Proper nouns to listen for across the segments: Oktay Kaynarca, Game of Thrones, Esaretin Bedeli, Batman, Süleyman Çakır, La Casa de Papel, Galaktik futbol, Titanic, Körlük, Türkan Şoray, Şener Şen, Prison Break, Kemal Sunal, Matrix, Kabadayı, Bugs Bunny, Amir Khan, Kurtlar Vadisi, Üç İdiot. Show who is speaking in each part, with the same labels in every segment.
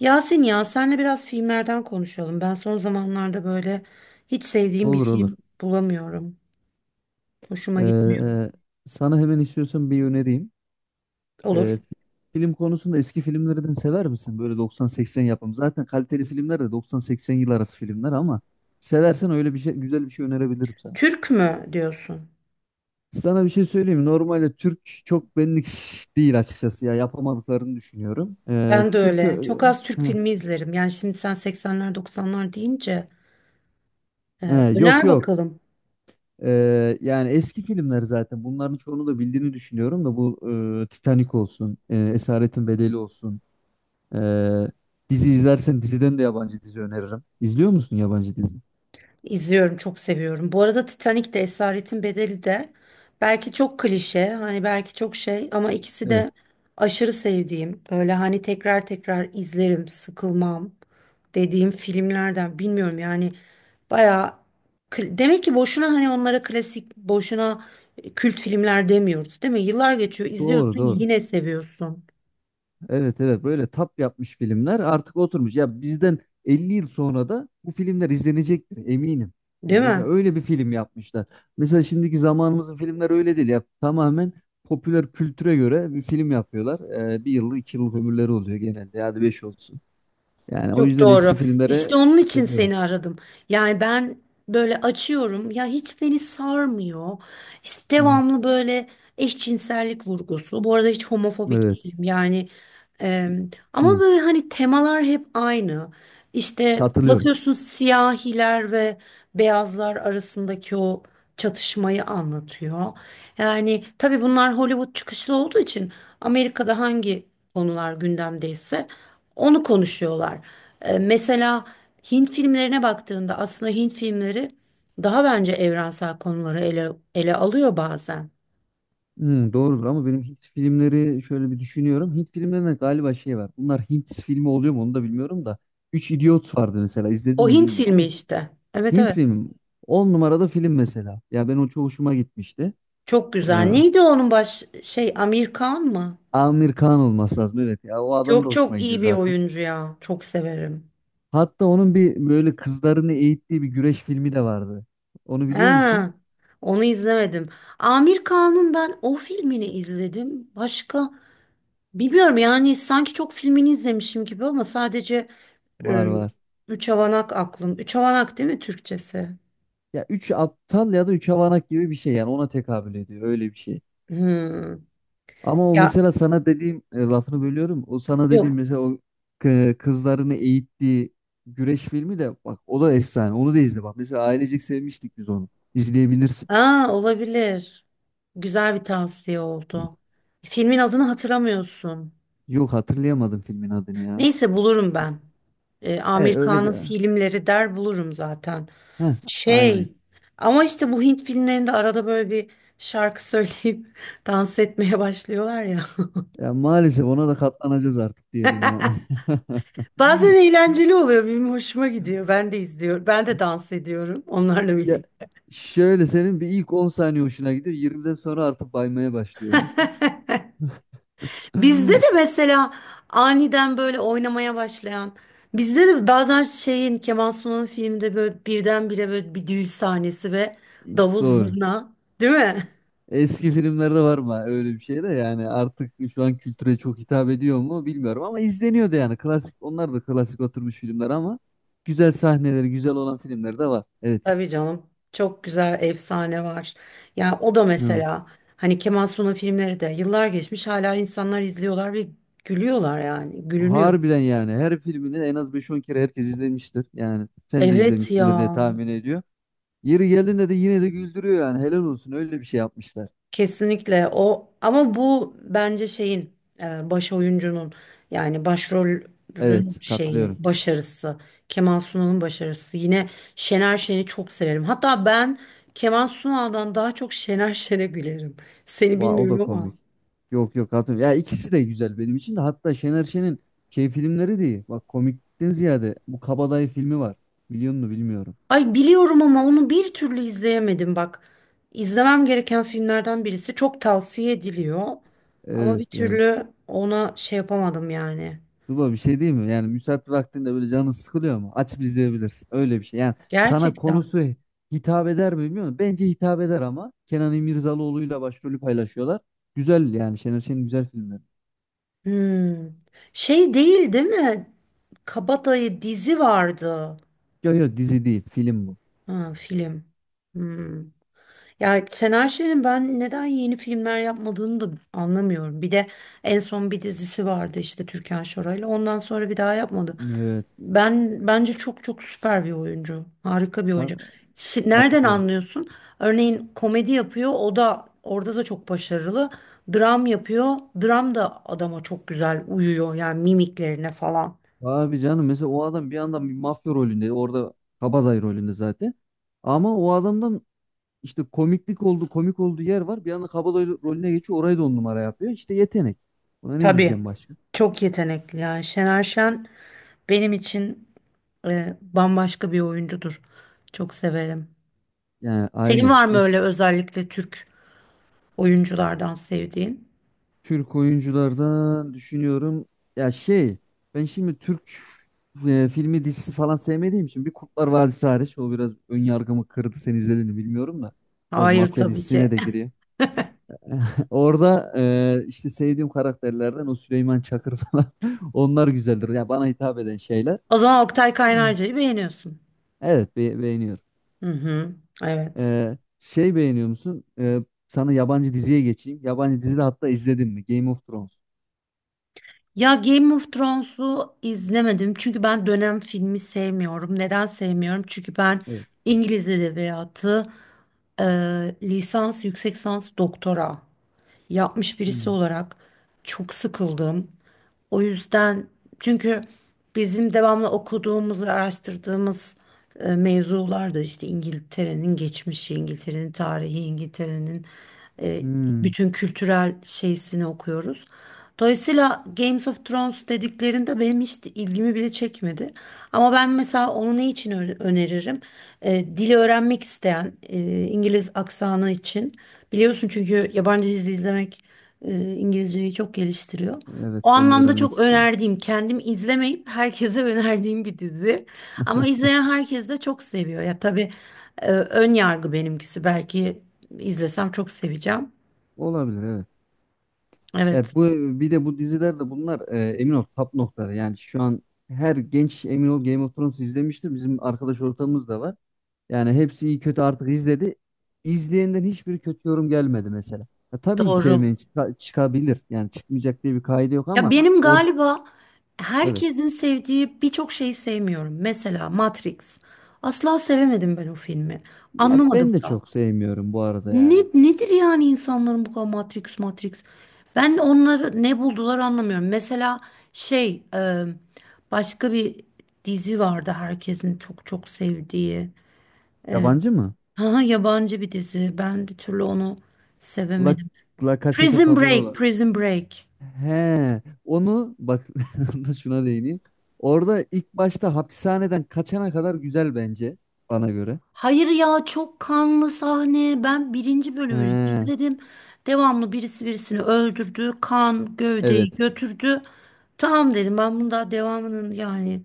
Speaker 1: Yasin, ya senle biraz filmlerden konuşalım. Ben son zamanlarda böyle hiç sevdiğim bir
Speaker 2: Olur, olur.
Speaker 1: film bulamıyorum. Hoşuma
Speaker 2: Ee,
Speaker 1: gitmiyor.
Speaker 2: e, Sana hemen istiyorsan bir önereyim.
Speaker 1: Olur.
Speaker 2: Ee, Film konusunda eski filmlerden sever misin? Böyle 90-80 yapım. Zaten kaliteli filmler de 90-80 yıl arası filmler ama seversen öyle bir şey, güzel bir şey önerebilirim sana.
Speaker 1: Türk mü diyorsun?
Speaker 2: Sana bir şey söyleyeyim mi? Normalde Türk çok benlik değil açıkçası, ya yapamadıklarını düşünüyorum.
Speaker 1: Ben de
Speaker 2: Türk
Speaker 1: öyle. Çok az Türk
Speaker 2: Hı.
Speaker 1: filmi izlerim. Yani şimdi sen 80'ler 90'lar deyince e,
Speaker 2: He, yok,
Speaker 1: öner
Speaker 2: yok.
Speaker 1: bakalım.
Speaker 2: Yani eski filmler, zaten bunların çoğunu da bildiğini düşünüyorum da bu Titanic olsun, Esaretin Bedeli olsun. Ee, Dizi izlersen diziden de yabancı dizi öneririm. İzliyor musun yabancı dizi?
Speaker 1: İzliyorum, çok seviyorum. Bu arada Titanic de Esaretin Bedeli de belki çok klişe, hani belki çok şey, ama ikisi
Speaker 2: Evet.
Speaker 1: de aşırı sevdiğim, böyle hani tekrar tekrar izlerim, sıkılmam dediğim filmlerden. Bilmiyorum yani, bayağı demek ki boşuna hani onlara klasik, boşuna kült filmler demiyoruz değil mi? Yıllar geçiyor,
Speaker 2: Doğru,
Speaker 1: izliyorsun,
Speaker 2: doğru.
Speaker 1: yine seviyorsun
Speaker 2: Evet, evet, böyle tap yapmış filmler artık oturmuş. Ya bizden 50 yıl sonra da bu filmler izlenecektir eminim. Ya
Speaker 1: değil
Speaker 2: mesela
Speaker 1: mi?
Speaker 2: öyle bir film yapmışlar. Mesela şimdiki zamanımızın filmler öyle değil ya. Tamamen popüler kültüre göre bir film yapıyorlar. Bir yıllık, 2 yıllık ömürleri oluyor genelde. Hadi beş olsun. Yani o
Speaker 1: Çok
Speaker 2: yüzden eski
Speaker 1: doğru. İşte
Speaker 2: filmlere
Speaker 1: onun için
Speaker 2: seviyorum.
Speaker 1: seni aradım. Yani ben böyle açıyorum ya, hiç beni sarmıyor. İşte
Speaker 2: Hı hı.
Speaker 1: devamlı böyle eşcinsellik vurgusu. Bu arada hiç homofobik
Speaker 2: Evet.
Speaker 1: değilim. Yani e, ama
Speaker 2: Hı.
Speaker 1: böyle hani temalar hep aynı. İşte
Speaker 2: Katılıyorum.
Speaker 1: bakıyorsun, siyahiler ve beyazlar arasındaki o çatışmayı anlatıyor. Yani tabii bunlar Hollywood çıkışlı olduğu için Amerika'da hangi konular gündemdeyse onu konuşuyorlar. Mesela Hint filmlerine baktığında aslında Hint filmleri daha bence evrensel konuları ele alıyor bazen.
Speaker 2: Doğrudur ama benim Hint filmleri şöyle bir düşünüyorum. Hint filmlerinde galiba şey var. Bunlar Hint filmi oluyor mu onu da bilmiyorum da. Üç İdiot vardı mesela, izledin
Speaker 1: O
Speaker 2: mi
Speaker 1: Hint
Speaker 2: bilmiyorum
Speaker 1: filmi
Speaker 2: ama
Speaker 1: işte. Evet,
Speaker 2: Hint
Speaker 1: evet.
Speaker 2: filmi 10 numarada film mesela. Ya ben o çok hoşuma gitmişti.
Speaker 1: Çok
Speaker 2: Ee,
Speaker 1: güzel. Neydi onun baş şey, Amir Khan mı?
Speaker 2: Amir Khan olması lazım, evet, ya o adam da
Speaker 1: Çok
Speaker 2: hoşuma
Speaker 1: çok
Speaker 2: gidiyor
Speaker 1: iyi bir
Speaker 2: zaten.
Speaker 1: oyuncu ya. Çok severim.
Speaker 2: Hatta onun bir böyle kızlarını eğittiği bir güreş filmi de vardı. Onu biliyor musun?
Speaker 1: Ha, onu izlemedim. Amir Khan'ın ben o filmini izledim. Başka bilmiyorum yani, sanki çok filmini izlemişim gibi ama sadece
Speaker 2: Var,
Speaker 1: Ee,
Speaker 2: var.
Speaker 1: üç havanak aklım. Üç havanak değil mi Türkçesi?
Speaker 2: Ya üç aptal ya da üç avanak gibi bir şey yani, ona tekabül ediyor öyle bir şey.
Speaker 1: Hmm.
Speaker 2: Ama o
Speaker 1: Ya
Speaker 2: mesela sana dediğim, lafını bölüyorum. O sana dediğim
Speaker 1: yok.
Speaker 2: mesela o kızlarını eğittiği güreş filmi de, bak, o da efsane. Onu da izle, bak. Mesela ailecek sevmiştik biz onu. İzleyebilirsin.
Speaker 1: Aa, olabilir. Güzel bir tavsiye oldu. Filmin adını hatırlamıyorsun.
Speaker 2: Yok, hatırlayamadım filmin adını ya.
Speaker 1: Neyse, bulurum ben.
Speaker 2: He,
Speaker 1: Amir
Speaker 2: öyle bir
Speaker 1: Khan'ın filmleri der, bulurum zaten.
Speaker 2: Heh, aynen.
Speaker 1: Şey, ama işte bu Hint filmlerinde arada böyle bir şarkı söyleyip dans etmeye başlıyorlar ya.
Speaker 2: Ya maalesef ona da katlanacağız artık, diyelim yani.
Speaker 1: Bazen eğlenceli oluyor. Benim hoşuma gidiyor. Ben de izliyorum. Ben de dans ediyorum onlarla
Speaker 2: Ya
Speaker 1: birlikte.
Speaker 2: şöyle, senin bir ilk 10 saniye hoşuna gidiyor. 20'den sonra artık baymaya başlıyor
Speaker 1: Bizde
Speaker 2: yani.
Speaker 1: de mesela aniden böyle oynamaya başlayan, bizde de bazen şeyin, Kemal Sunal'ın filminde böyle birdenbire böyle bir düğün sahnesi ve davul
Speaker 2: Doğru.
Speaker 1: zurna, değil mi?
Speaker 2: Eski filmlerde var mı öyle bir şey de, yani artık şu an kültüre çok hitap ediyor mu bilmiyorum ama izleniyordu yani, klasik, onlar da klasik oturmuş filmler ama güzel sahneleri, güzel olan filmler de var. Evet.
Speaker 1: Tabii canım. Çok güzel efsane var. Yani o da
Speaker 2: Hı.
Speaker 1: mesela hani Kemal Sunal filmleri de, yıllar geçmiş hala insanlar izliyorlar ve gülüyorlar yani. Gülünüyor.
Speaker 2: Harbiden, yani her filmini en az beş on kere herkes izlemiştir. Yani sen de
Speaker 1: Evet ya.
Speaker 2: izlemişsindir diye tahmin ediyor. Yeri geldiğinde de yine de güldürüyor yani, helal olsun, öyle bir şey yapmışlar.
Speaker 1: Kesinlikle o, ama bu bence şeyin baş oyuncunun, yani başrolün
Speaker 2: Evet,
Speaker 1: şeyi,
Speaker 2: katılıyorum.
Speaker 1: başarısı, Kemal Sunal'ın başarısı. Yine Şener Şen'i çok severim hatta ben, Kemal Sunal'dan daha çok Şener Şen'e gülerim, seni
Speaker 2: O da
Speaker 1: bilmiyorum ama.
Speaker 2: komik. Yok, yok, hatırlıyorum. Ya ikisi de güzel benim için de. Hatta Şener Şen'in şey filmleri de, bak, komikten ziyade bu Kabadayı filmi var. Biliyor musun, bilmiyorum.
Speaker 1: Ay, biliyorum ama onu bir türlü izleyemedim bak, izlemem gereken filmlerden birisi, çok tavsiye ediliyor ama
Speaker 2: Evet,
Speaker 1: bir
Speaker 2: evet.
Speaker 1: türlü ona şey yapamadım yani,
Speaker 2: Tuba bir şey değil mi? Yani müsait vaktinde böyle canın sıkılıyor mu? Açıp izleyebilirsin. Öyle bir şey. Yani sana
Speaker 1: gerçekten.
Speaker 2: konusu hitap eder mi bilmiyorum. Bence hitap eder ama. Kenan İmirzalıoğlu'yla başrolü paylaşıyorlar. Güzel, yani Şener Şen'in güzel filmleri.
Speaker 1: Hmm. Şey değil, değil mi? Kabadayı dizi vardı.
Speaker 2: Yok, yok, dizi değil, film bu.
Speaker 1: Ha, film. Hmm. Ya Şener Şen'in ben neden yeni filmler yapmadığını da anlamıyorum. Bir de en son bir dizisi vardı işte, Türkan Şoray'la. Ondan sonra bir daha yapmadı.
Speaker 2: Evet.
Speaker 1: Ben bence çok çok süper bir oyuncu. Harika bir
Speaker 2: Ka-
Speaker 1: oyuncu. Nereden
Speaker 2: Katılıyorum.
Speaker 1: anlıyorsun? Örneğin komedi yapıyor. O da, orada da çok başarılı. Dram yapıyor. Dram da adama çok güzel uyuyor. Yani mimiklerine falan.
Speaker 2: Abi canım, mesela o adam bir yandan bir mafya rolünde, orada kabadayı rolünde zaten. Ama o adamdan işte komiklik oldu, komik olduğu yer var. Bir anda kabadayı rolüne geçiyor, orayı da on numara yapıyor. İşte yetenek. Buna ne
Speaker 1: Tabii.
Speaker 2: diyeceğim başka?
Speaker 1: Çok yetenekli yani. Şener Şen benim için bambaşka bir oyuncudur. Çok severim.
Speaker 2: Yani
Speaker 1: Senin
Speaker 2: aynı.
Speaker 1: var mı
Speaker 2: Mesela
Speaker 1: öyle özellikle Türk oyunculardan sevdiğin?
Speaker 2: Türk oyunculardan düşünüyorum. Ya şey, ben şimdi Türk filmi, dizisi falan sevmediğim için, bir Kurtlar Vadisi hariç, o biraz ön yargımı kırdı. Sen izledin mi bilmiyorum da. Biraz
Speaker 1: Hayır,
Speaker 2: mafya
Speaker 1: tabii
Speaker 2: dizisine
Speaker 1: ki.
Speaker 2: de giriyor. Orada işte sevdiğim karakterlerden o Süleyman Çakır falan, onlar güzeldir. Ya bana hitap eden şeyler.
Speaker 1: O zaman Oktay
Speaker 2: Ah,
Speaker 1: Kaynarca'yı beğeniyorsun.
Speaker 2: evet, beğeniyorum.
Speaker 1: Hı hı. Evet.
Speaker 2: Şey, beğeniyor musun? Sana yabancı diziye geçeyim. Yabancı dizi de, hatta izledin mi? Game of Thrones.
Speaker 1: Ya Game of Thrones'u izlemedim çünkü ben dönem filmi sevmiyorum. Neden sevmiyorum? Çünkü ben
Speaker 2: Evet.
Speaker 1: İngiliz edebiyatı e, lisans, yüksek lisans, doktora yapmış birisi
Speaker 2: Hmm.
Speaker 1: olarak çok sıkıldım. O yüzden, çünkü bizim devamlı okuduğumuz ve araştırdığımız mevzular da işte İngiltere'nin geçmişi, İngiltere'nin tarihi, İngiltere'nin e,
Speaker 2: Hmm.
Speaker 1: bütün kültürel şeysini okuyoruz. Dolayısıyla Games of Thrones dediklerinde benim hiç ilgimi bile çekmedi. Ama ben mesela onu ne için öneririm? Dili öğrenmek isteyen, İngiliz aksanı için. Biliyorsun çünkü yabancı dizi izlemek İngilizceyi çok geliştiriyor.
Speaker 2: Evet,
Speaker 1: O
Speaker 2: ben de
Speaker 1: anlamda
Speaker 2: öğrenmek
Speaker 1: çok
Speaker 2: istiyorum.
Speaker 1: önerdiğim, kendim izlemeyip herkese önerdiğim bir dizi. Ama izleyen herkes de çok seviyor. Ya tabii ön yargı benimkisi. Belki izlesem çok seveceğim.
Speaker 2: Olabilir, evet.
Speaker 1: Evet,
Speaker 2: Ya bu, bir de bu diziler de bunlar emin ol top noktaları. Yani şu an her genç, emin ol, Game of Thrones izlemiştir. Bizim arkadaş ortamımız da var. Yani hepsi iyi kötü artık izledi. İzleyenden hiçbir kötü yorum gelmedi mesela. Ya tabii ki
Speaker 1: doğru.
Speaker 2: sevmeyen çıkabilir. Yani çıkmayacak diye bir kaydı yok
Speaker 1: Ya
Speaker 2: ama
Speaker 1: benim galiba
Speaker 2: evet.
Speaker 1: herkesin sevdiği birçok şeyi sevmiyorum. Mesela Matrix. Asla sevemedim ben o filmi.
Speaker 2: Ya
Speaker 1: Anlamadım
Speaker 2: ben de
Speaker 1: da.
Speaker 2: çok sevmiyorum bu arada yani.
Speaker 1: Nedir yani insanların bu kadar Matrix Matrix? Ben onları ne buldular anlamıyorum. Mesela şey, başka bir dizi vardı herkesin çok çok sevdiği. E,
Speaker 2: Yabancı mı?
Speaker 1: ha, yabancı bir dizi. Ben bir türlü onu
Speaker 2: La,
Speaker 1: sevemedim.
Speaker 2: La Casa de
Speaker 1: Prison
Speaker 2: Papel
Speaker 1: Break,
Speaker 2: olan.
Speaker 1: Prison Break.
Speaker 2: He, onu bak da şuna değineyim. Orada ilk başta hapishaneden kaçana kadar güzel, bence bana göre.
Speaker 1: Hayır ya, çok kanlı sahne. Ben birinci bölümünü
Speaker 2: He,
Speaker 1: izledim. Devamlı birisi birisini öldürdü. Kan gövdeyi
Speaker 2: evet.
Speaker 1: götürdü. Tamam dedim, ben bunun daha devamının, yani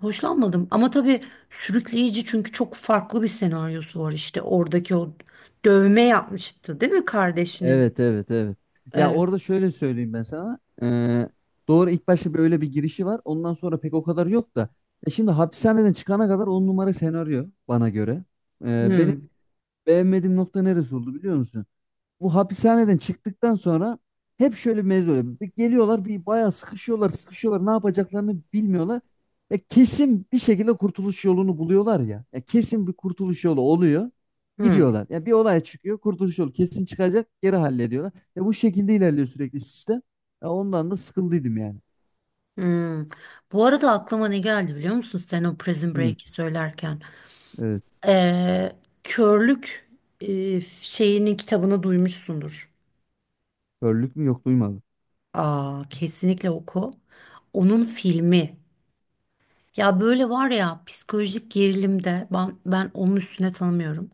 Speaker 1: hoşlanmadım. Ama tabii sürükleyici, çünkü çok farklı bir senaryosu var işte. Oradaki o dövme yapmıştı değil mi kardeşinin?
Speaker 2: Evet, evet, evet. Ya
Speaker 1: Evet.
Speaker 2: orada şöyle söyleyeyim ben sana. Doğru, ilk başta böyle bir girişi var. Ondan sonra pek o kadar yok da. Şimdi hapishaneden çıkana kadar on numara senaryo, bana göre. Benim
Speaker 1: Hmm,
Speaker 2: beğenmediğim nokta neresi oldu biliyor musun? Bu hapishaneden çıktıktan sonra hep şöyle bir mevzu oluyor. Bir, geliyorlar, bir bayağı sıkışıyorlar, sıkışıyorlar. Ne yapacaklarını bilmiyorlar. Ya kesin bir şekilde kurtuluş yolunu buluyorlar ya. Ya kesin bir kurtuluş yolu oluyor.
Speaker 1: hmm,
Speaker 2: Gidiyorlar. Ya bir olay çıkıyor, kurtuluş yolu kesin çıkacak, geri hallediyorlar. Ya bu şekilde ilerliyor sürekli sistem. Ya ondan da sıkıldıydım yani.
Speaker 1: hmm. Bu arada aklıma ne geldi biliyor musun sen o Prison
Speaker 2: Hı,
Speaker 1: Break'i söylerken?
Speaker 2: evet.
Speaker 1: Ee, Körlük şeyinin kitabını duymuşsundur.
Speaker 2: Körlük mü, yok, duymadım.
Speaker 1: Aa, kesinlikle oku. Onun filmi. Ya böyle var ya, psikolojik gerilimde ben onun üstüne tanımıyorum.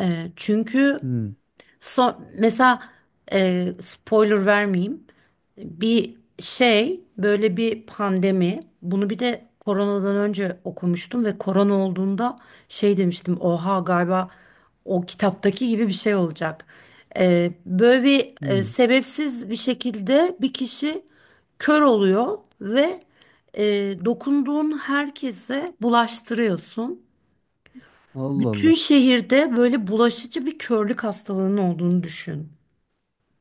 Speaker 1: Çünkü
Speaker 2: Hı,
Speaker 1: son, mesela spoiler vermeyeyim. Bir şey, böyle bir pandemi, bunu bir de koronadan önce okumuştum ve korona olduğunda şey demiştim, oha galiba o kitaptaki gibi bir şey olacak. Böyle bir,
Speaker 2: hı.
Speaker 1: sebepsiz bir şekilde bir kişi kör oluyor ve e, dokunduğun herkese bulaştırıyorsun.
Speaker 2: Allah,
Speaker 1: Bütün
Speaker 2: Allah.
Speaker 1: şehirde böyle bulaşıcı bir körlük hastalığının olduğunu düşün.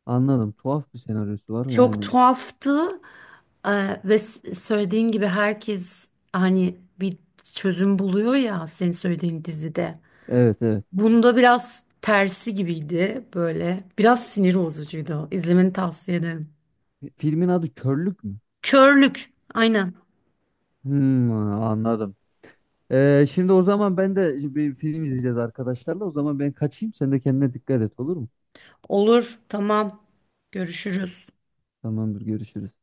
Speaker 2: Anladım. Tuhaf bir senaryosu var
Speaker 1: Çok
Speaker 2: yani.
Speaker 1: tuhaftı. Ve söylediğin gibi herkes hani bir çözüm buluyor ya, senin söylediğin dizide.
Speaker 2: Evet, evet.
Speaker 1: Bunda biraz tersi gibiydi böyle. Biraz sinir bozucuydu. İzlemeni tavsiye ederim.
Speaker 2: Filmin adı Körlük mü?
Speaker 1: Körlük. Aynen.
Speaker 2: Hmm, Anladım. Şimdi o zaman ben de bir film izleyeceğiz arkadaşlarla. O zaman ben kaçayım. Sen de kendine dikkat et, olur mu?
Speaker 1: Olur. Tamam. Görüşürüz.
Speaker 2: Tamamdır, görüşürüz.